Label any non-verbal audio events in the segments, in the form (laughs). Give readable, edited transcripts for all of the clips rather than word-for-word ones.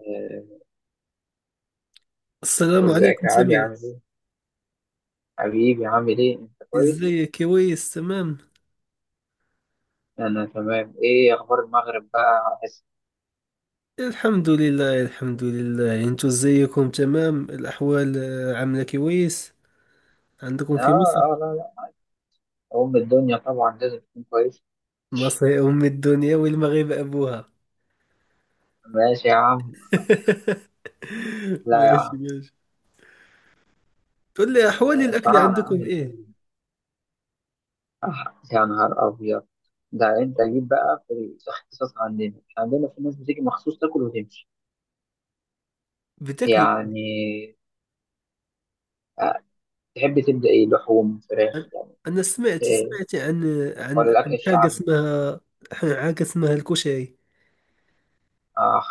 آه، السلام ازيك عليكم يا علي سمير. عامل ايه؟ حبيبي عامل ايه؟ انت كويس؟ ازيك؟ كويس، تمام. انا تمام، ايه اخبار المغرب بقى؟ الحمد لله، الحمد لله. انتو ازيكم؟ تمام الاحوال، عاملة كويس عندكم اه، في مصر. اه، لا، لا، ام الدنيا طبعا لازم تكون كويس، مصر هي ام الدنيا والمغرب ابوها. ماشي يا عم، (laughs) لا يا ماشي، عم، ماشي. قول لي احوال الاكل الفراعنة عندكم عامل ايه؟ ايه؟ يا نهار ابيض، ده انت جيت بقى في الاختصاص عندنا، إحنا عندنا في ناس بتيجي مخصوص تاكل وتمشي، بتاكلوا ايه؟ يعني آه، تحب تبدأ ايه؟ لحوم، فراخ، يعني انا سمعت إيه؟ سمعت عن ولا عن الاكل عن الشعبي؟ حاجة اسمها الكشري. اخ،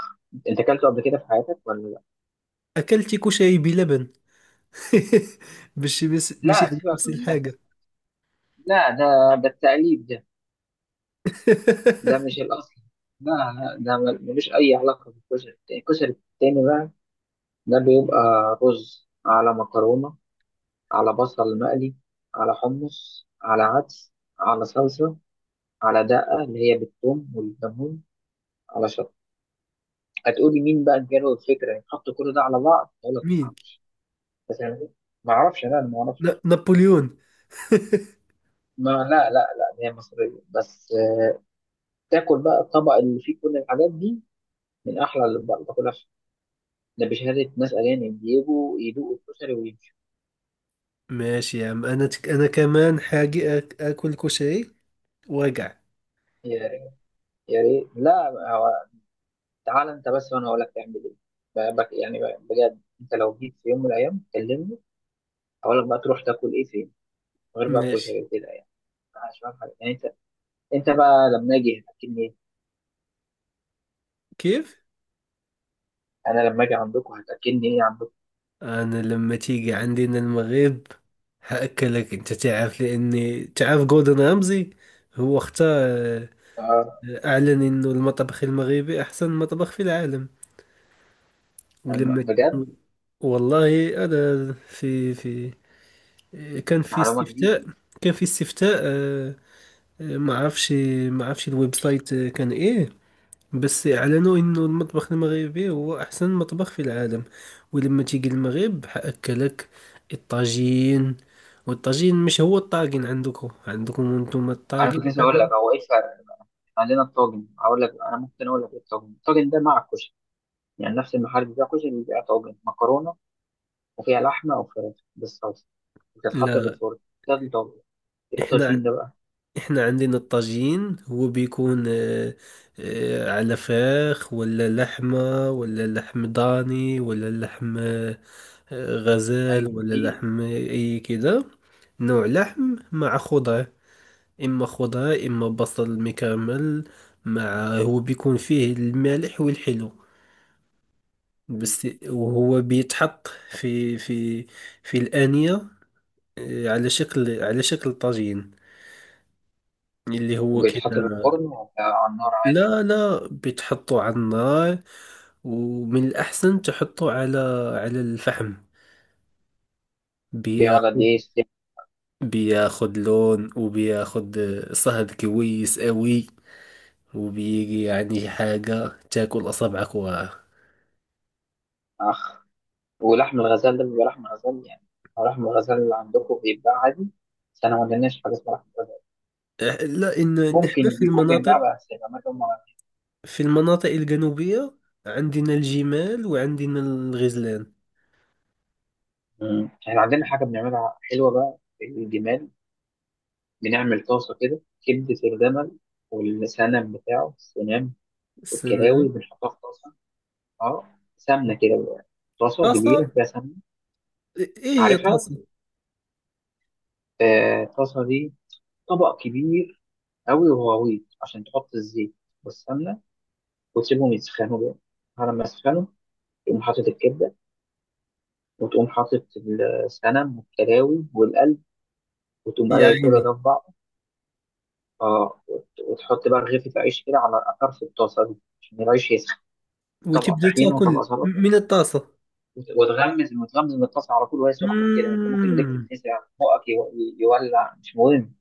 انت اكلته قبل كده في حياتك ولا؟ اكلت كشري بلبن. (laughs) مش لا يعني سيبك نفس من ده، الحاجة. لا ده، ده التقليد ده، ده (laughs) مش الأصل. لا، لا، ده ملوش أي علاقة بالكشري التاني. الكشري التاني بقى ده بيبقى رز على مكرونة، على بصل مقلي، على حمص، على عدس، على صلصة، على دقة اللي هي بالثوم والليمون، على شطة. هتقولي مين بقى جاله الفكرة يحطوا كل ده على بعض؟ أقول لك ما مين؟ أعرفش. بس أنا ما أعرفش، لا أنا ما أعرفش. نابليون. (laughs) ما لا، لا، لا، هي مصرية بس. تاكل بقى الطبق اللي فيه كل الحاجات دي، من أحلى اللي باكلها ده بشهادة ناس أجانب بيجوا يدوقوا الكشري ويمشوا. ماشي يا عم. انا كمان حاجي اكل كشري وارجع. يا ريت، يا ريت، لا. هو تعال أنت بس، وأنا هقول لك تعمل إيه. بك يعني، بجد أنت لو جيت في يوم من الأيام كلمني، هقول لك بقى تروح تاكل إيه فين غير بقى ماشي. الكشري وكده يعني. عشان حاجة يعني أنت بقى لما أجي هتأكلني إيه؟ كيف؟ أنا لما أجي عندكم هتأكلني إيه عندكم؟ انا لما تيجي عندنا المغرب هاكلك. انت تعرف، لاني تعرف جوردن رامزي. هو اختار. آه، اعلن انه المطبخ المغربي احسن مطبخ في العالم. ولما بجد؟ والله انا في في كان في معلومة جديدة. استفتاء كان في استفتاء، آه، ما عرفش ما عرفش الويب سايت، كان ايه. بس اعلنوا انه المطبخ المغربي هو احسن مطبخ في العالم. ولما تيجي المغرب حاكلك الطاجين. والطاجين مش هو الطاجين عندكم. انتم أنا كنت الطاجين لسه أقول لك حاجه. هو إيه الفرق. عندنا الطاجن، أقول لك. أنا ممكن أقول لك إيه الطاجن. الطاجن ده مع الكشري، يعني نفس المحل بتاع كشري بيبيع طاجن مكرونة، وفيها لحمة وفراخ بالصلصة، بتتحط في لا، الفرن. ده الطبق. ايه الطاجين احنا ده بقى؟ احنا عندنا الطاجين، هو بيكون، على فراخ ولا لحمه ولا لحم ضاني ولا لحم، غزال، أيوة ولا اديني. لحم اي كده. نوع لحم مع خضار، إما خضار إما بصل مكرمل، مع هو بيكون فيه المالح والحلو. مم. بس، وهو بيتحط في الآنية، على شكل طاجين، اللي هو وبيتحط كده. في الفرن وعلى النار عادي؟ لا، لا، بتحطه على النار، ومن الأحسن تحطه على الفحم. بيقعد قد بياخد إيه؟ ساعة؟ بياخد لون وبياخد صهد كويس قوي، وبيجي يعني حاجة تاكل أصابعك وراها. أخ. ولحم الغزال ده بيبقى لحم غزال يعني؟ هو لحم الغزال اللي عندكم بيتباع عادي؟ بس أنا ما عندناش حاجة اسمها لحم غزال. لا، إن نحن ممكن بيكون بيتباع بس الأماكن ما. في المناطق الجنوبية، عندنا الجمال وعندنا الغزلان. مم. إحنا عندنا حاجة بنعملها حلوة بقى في الجمال. بنعمل طاسة كده، كبدة الجمل، والسنم بتاعه السنام، السنة. والكلاوي بنحطها في طاسة. اه، سمنه كده بقى. طاسه كبيره طاسة؟ فيها سمنه، إيه هي عارفها. طاسة؟ الطاسه دي طبق كبير قوي وغويط، عشان تحط الزيت والسمنه، وتسيبهم يسخنوا بقى. على ما يسخنوا تقوم حاطط الكبده، وتقوم حاطط السمن والكلاوي والقلب، وتقوم يا قايل كل عيني. ده في بعض. اه، وتحط بقى رغيفه عيش كده على طرف الطاسه دي، عشان العيش يسخن. طبق وتبدأ طحينه وطبق تاكل سلطه، من الطاسة. وتغمز وتغمز من الطاسه على طول وهي سخنه كده. يعني انت ممكن ايديك مم. تتلسع، بقك يولع، مش مهم.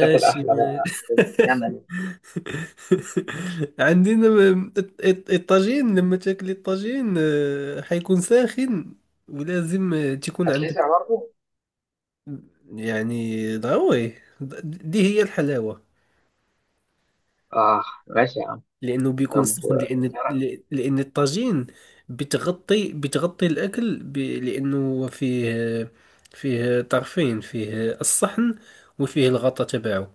تاكل أحلى بقى ماشي. حاجة، جمل. (laughs) عندنا، الطاجين، لما تاكل الطاجين حيكون ساخن، ولازم تكون عندك، هتلسع برضه. يعني ضروري. دي هي الحلاوة، آه، ماشي يا عم. لأنه بيكون طب، سخن. تعرف. لأن الطاجين بتغطي الأكل لأنه هو فيه طرفين، فيه الصحن وفيه الغطا تبعه.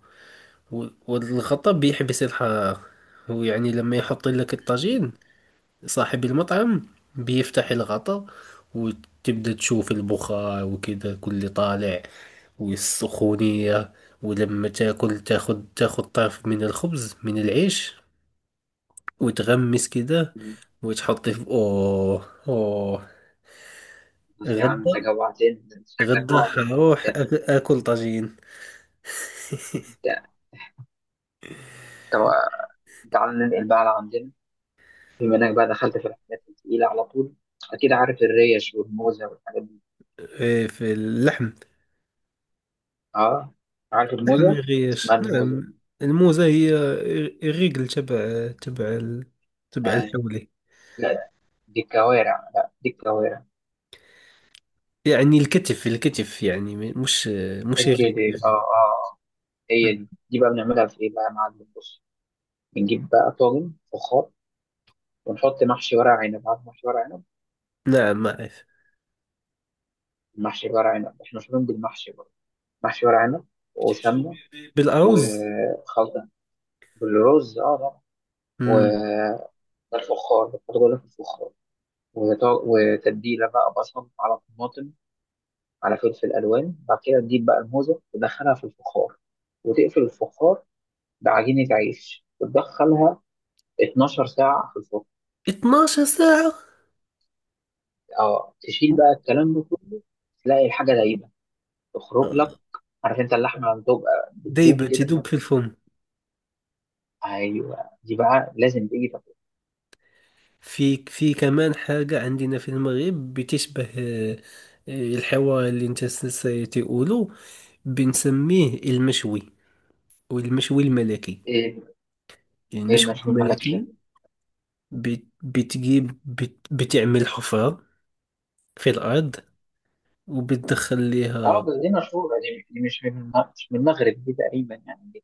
والغطا بيحبس الحرارة، ويعني لما يحط لك مم. الطاجين صاحب المطعم، بيفتح الغطا وتبدأ تشوف البخار وكده كل طالع، والسخونية. ولما تاكل تاخد طرف من الخبز من العيش وتغمس كده مم. وتحطي في. اوه، اوه. بس يا عم غدا، أنت جوعتني، ده أنت شكلك جوعت وأنت حروح بتتكلم. اكل طاجين. أنت طب، تعال ننقل بقى على عندنا. بما إنك بقى دخلت في الحاجات التقيلة على طول، أكيد عارف الريش والموزة والحاجات دي. إيه، في اللحم. آه. عارف اللحم ما الموزة؟ يغيش، اسمها الموزة. نعم. الموزة هي الرجل تبع آه. الحولي. لا، دي الكوارع، لا دي الكوارع. يعني الكتف، الكتف، يعني مش الرجل. الكتف، آه، آه، آه. هي دي بقى بنعملها في إيه بقى يا معلم، بص. بنجيب بقى طاجن فخار، ونحط محشي ورق عنب، عارف محشي ورق عنب؟ نعم، ما أعرف. محشي ورق عنب، احنا مشهورين بالمحشي برضه. محشي ورق عنب بتحشو وسمنه بالأرز. وخلطه بالرز، اه طبعا. مم. والفخار بتحط جوه في الفخار، وتتبيله بقى بصل على طماطم، على فلفل الوان. بعد كده تجيب بقى الموزه تدخلها في الفخار، وتقفل الفخار بعجينه عيش، وتدخلها 12 ساعه في الفرن. 12 ساعة. اه، تشيل بقى الكلام ده كله، تلاقي الحاجه دايبه، تخرج لك. عارف انت اللحمه لما بتبقى بتدوب دايبة كده، تدوب في الفم. ايوه، دي بقى لازم تيجي. طب، في في كمان حاجة عندنا في المغرب بتشبه، الحوار اللي انت ستقوله، بنسميه المشوي والمشوي الملكي. ايه يعني ايه المشوي المشهور ملكشه؟ الملكي، بتجيب، بتعمل حفرة في الأرض وبتدخل اه، ليها. بس دي مشهوره، دي مش من مش من المغرب دي تقريبا، يعني دي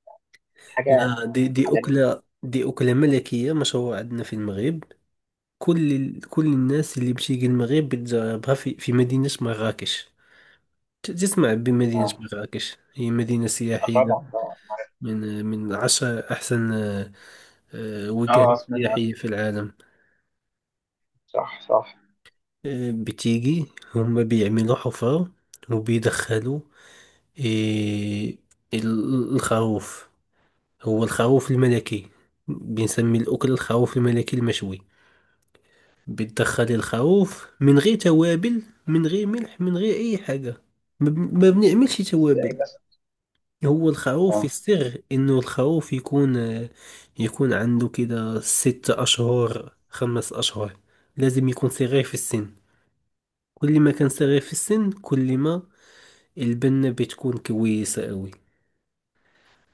حاجه لا، دي, دي عالميه. أكلة ملكية مشهورة عندنا في المغرب. كل الناس اللي بتيجي المغرب بتجربها في مدينة مراكش. تسمع بمدينة اه، مراكش، هي مدينة سياحية، طبعا طبعا عارف. من 10 أحسن وجهات اه، سمعت عنها، سياحية في العالم. صح صح. بتيجي، هم بيعملوا حفار وبيدخلوا آه، الخروف. هو الخروف الملكي، بنسمي الأكل الخروف الملكي المشوي. بتدخل الخروف من غير توابل، من غير ملح، من غير أي حاجة. ما بنعملش توابل. ازاي بس؟ هو الخروف، اه، السر انه الخروف يكون عنده كده 6 اشهر، 5 اشهر، لازم يكون صغير في السن. كل ما كان صغير في السن، كل ما البنة بتكون كويسة قوي.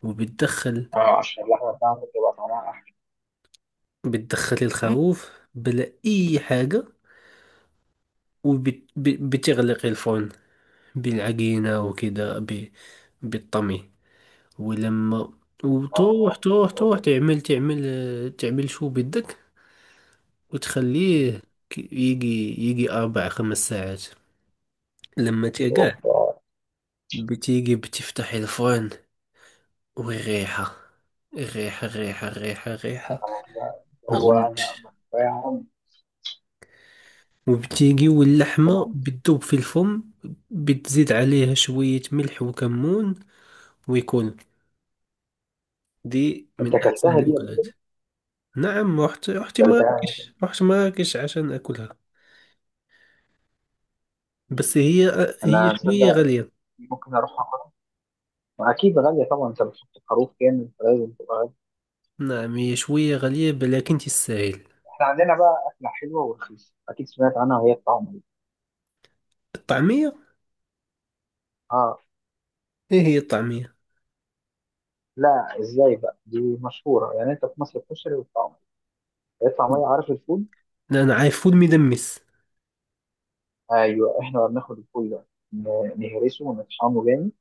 وبتدخل اه، عشان اللحمه بتاعته بتبقى طعمها احلى. بتدخل الخروف بلا اي حاجة وبتغلق الفرن بالعجينة وكده، بالطمي. ولما اه، وتروح اه، تروح اوف، تروح تعمل شو بدك وتخليه، يجي 4-5 ساعات لما تيقع، اوف. آه. بتيجي بتفتح الفرن، والريحة، الريحة، الريحة، الريحة، الريحة آه. ما هو انا أقولكش. وبتيجي واللحمة أنا- بتذوب في الفم، بتزيد عليها شوية ملح وكمون، ويكون، دي انت من أحسن اكلتها دي ولا الأكلات. إيه؟ نعم، رحت رحت اكلتها. مراكش عشان أكلها. مم. بس، هي انا شوية تصدق؟ غالية. ممكن اروح. واكيد غاليه طبعا، انت بتحط خروف كامل فلازم تبقى غالية. نعم، هي شوية غالية بل لكن تستاهل. احنا عندنا بقى اكله حلوه ورخيصه، اكيد سمعت عنها وهي الطعميه. الطعمية. اه. ايه هي الطعمية؟ لا، ازاي بقى، دي مشهوره يعني. انت في مصر الكشري والطعميه. الطعميه، عارف الفول؟ لا، انا عارف فول مدمس. ايوه، احنا بقى بناخد الفول ده نهرسه ونطحنه جامد،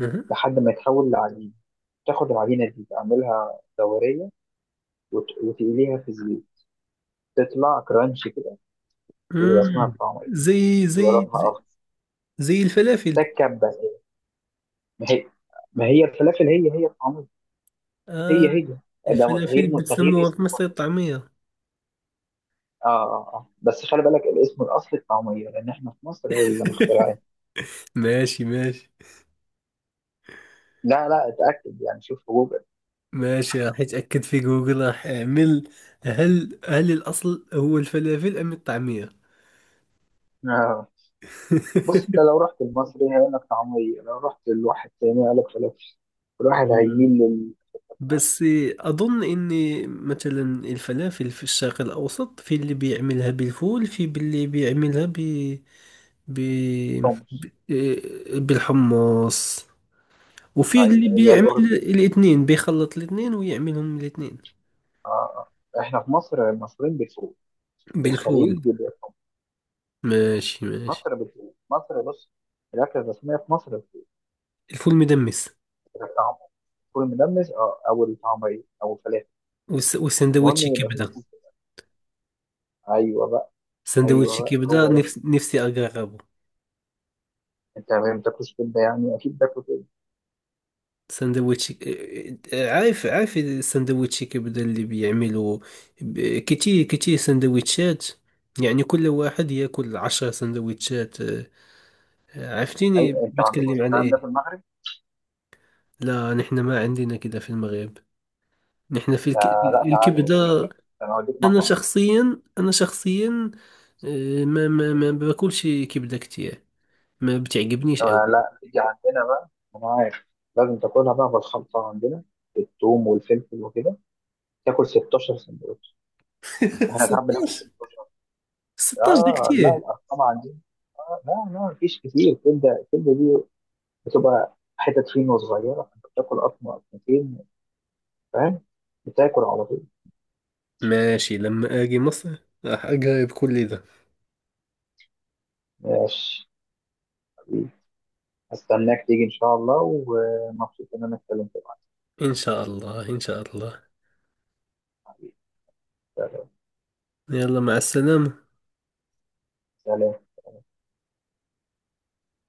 أها. لحد ما يتحول لعجين. تاخد العجينه دي تعملها دوريه، وتقليها في الزيت، تطلع كرانشي كده، ويبقى اسمها مم. الطعميه. زي بيبقى زي لونها زي اخضر، زي الفلافل. ده الكبه كده. ما هي ما هي الفلافل هي هي الطعميه، هي آه، هي. ده الفلافل تغيير، تغيير بتسموها في اسم مصر فقط. الطعمية. اه، اه، اه، بس خلي بالك، الاسم الاصلي الطعميه، لان احنا في مصر اللي مخترعين. (laughs) ماشي، ماشي. لا، لا، اتاكد يعني، شوف في جوجل. ماشي، راح اتأكد في جوجل، راح اعمل، هل الاصل هو الفلافل ام الطعمية. آه. بص، انت (laughs) لو رحت المصري هيقول لك طعميه، لو رحت لواحد تاني هيقول لك فلافل. الواحد مم. هيميل بس، أظن إن مثلا الفلافل في الشرق الأوسط، في اللي بيعملها بالفول، في اللي بيعملها ب... ب... للحمص. بالحمص، وفي اللي زي بيعمل الاردن. الاثنين بيخلط الاثنين ويعملهم الاثنين. آه. آه. احنا في مصر المصريين بيفوق. في الخليج بالفول. بيفوق. ماشي، ماشي. مصر بتفوق، مصر بص، الاكله الرسميه في مصر بتفوق. الفول مدمس. الطعم، فول مدمس اه، او الطعميه، او الفلافل. المهم والسندويتش يبقى كبدة. في. ايوه بقى. سندويتش ايوه كبدة هو ده. نفسي أجربه. انت ما بتاكلش كبده يعني؟ اكيد باكل كبده. سندويتشي، عارف السندويتشي كبدة اللي بيعملوا، كتير كتير سندويتشات. يعني كل واحد ياكل 10 سندويتشات. عرفتيني اي، انت ما عندكوش بتكلم عن الكلام ده في ايه؟ المغرب؟ لا، نحن ما عندنا كده في المغرب. نحن في ده لا، تعال اوديك، لا الكبدة. انا اوديك مطعم. انا شخصيا، ما باكلش كبدة كتير، ما بتعجبنيش أوي. آه، لا، تيجي عندنا بقى، انا عارف، لازم تاكلها بقى بالخلطه عندنا، الثوم والفلفل وكده. تاكل 16 سندوتش. (laughs) احنا ساعات بناكل 16. 16. 16 ده اه لا، كتير. الارقام عندنا. آه، لا، لا، مفيش كتير. الكبده دي بتبقى حتت فين صغيره، فانت بتاكل قطمه قطمتين، فاهم، بتاكل على طول. ماشي، لما اجي مصر راح اجرب كل ده. ماشي، استناك تيجي ان شاء الله، ومبسوط ان انا اتكلمت معاك. إن شاء الله، إن شاء الله. حبيبي، سلام. يلا، مع السلامة. سلام.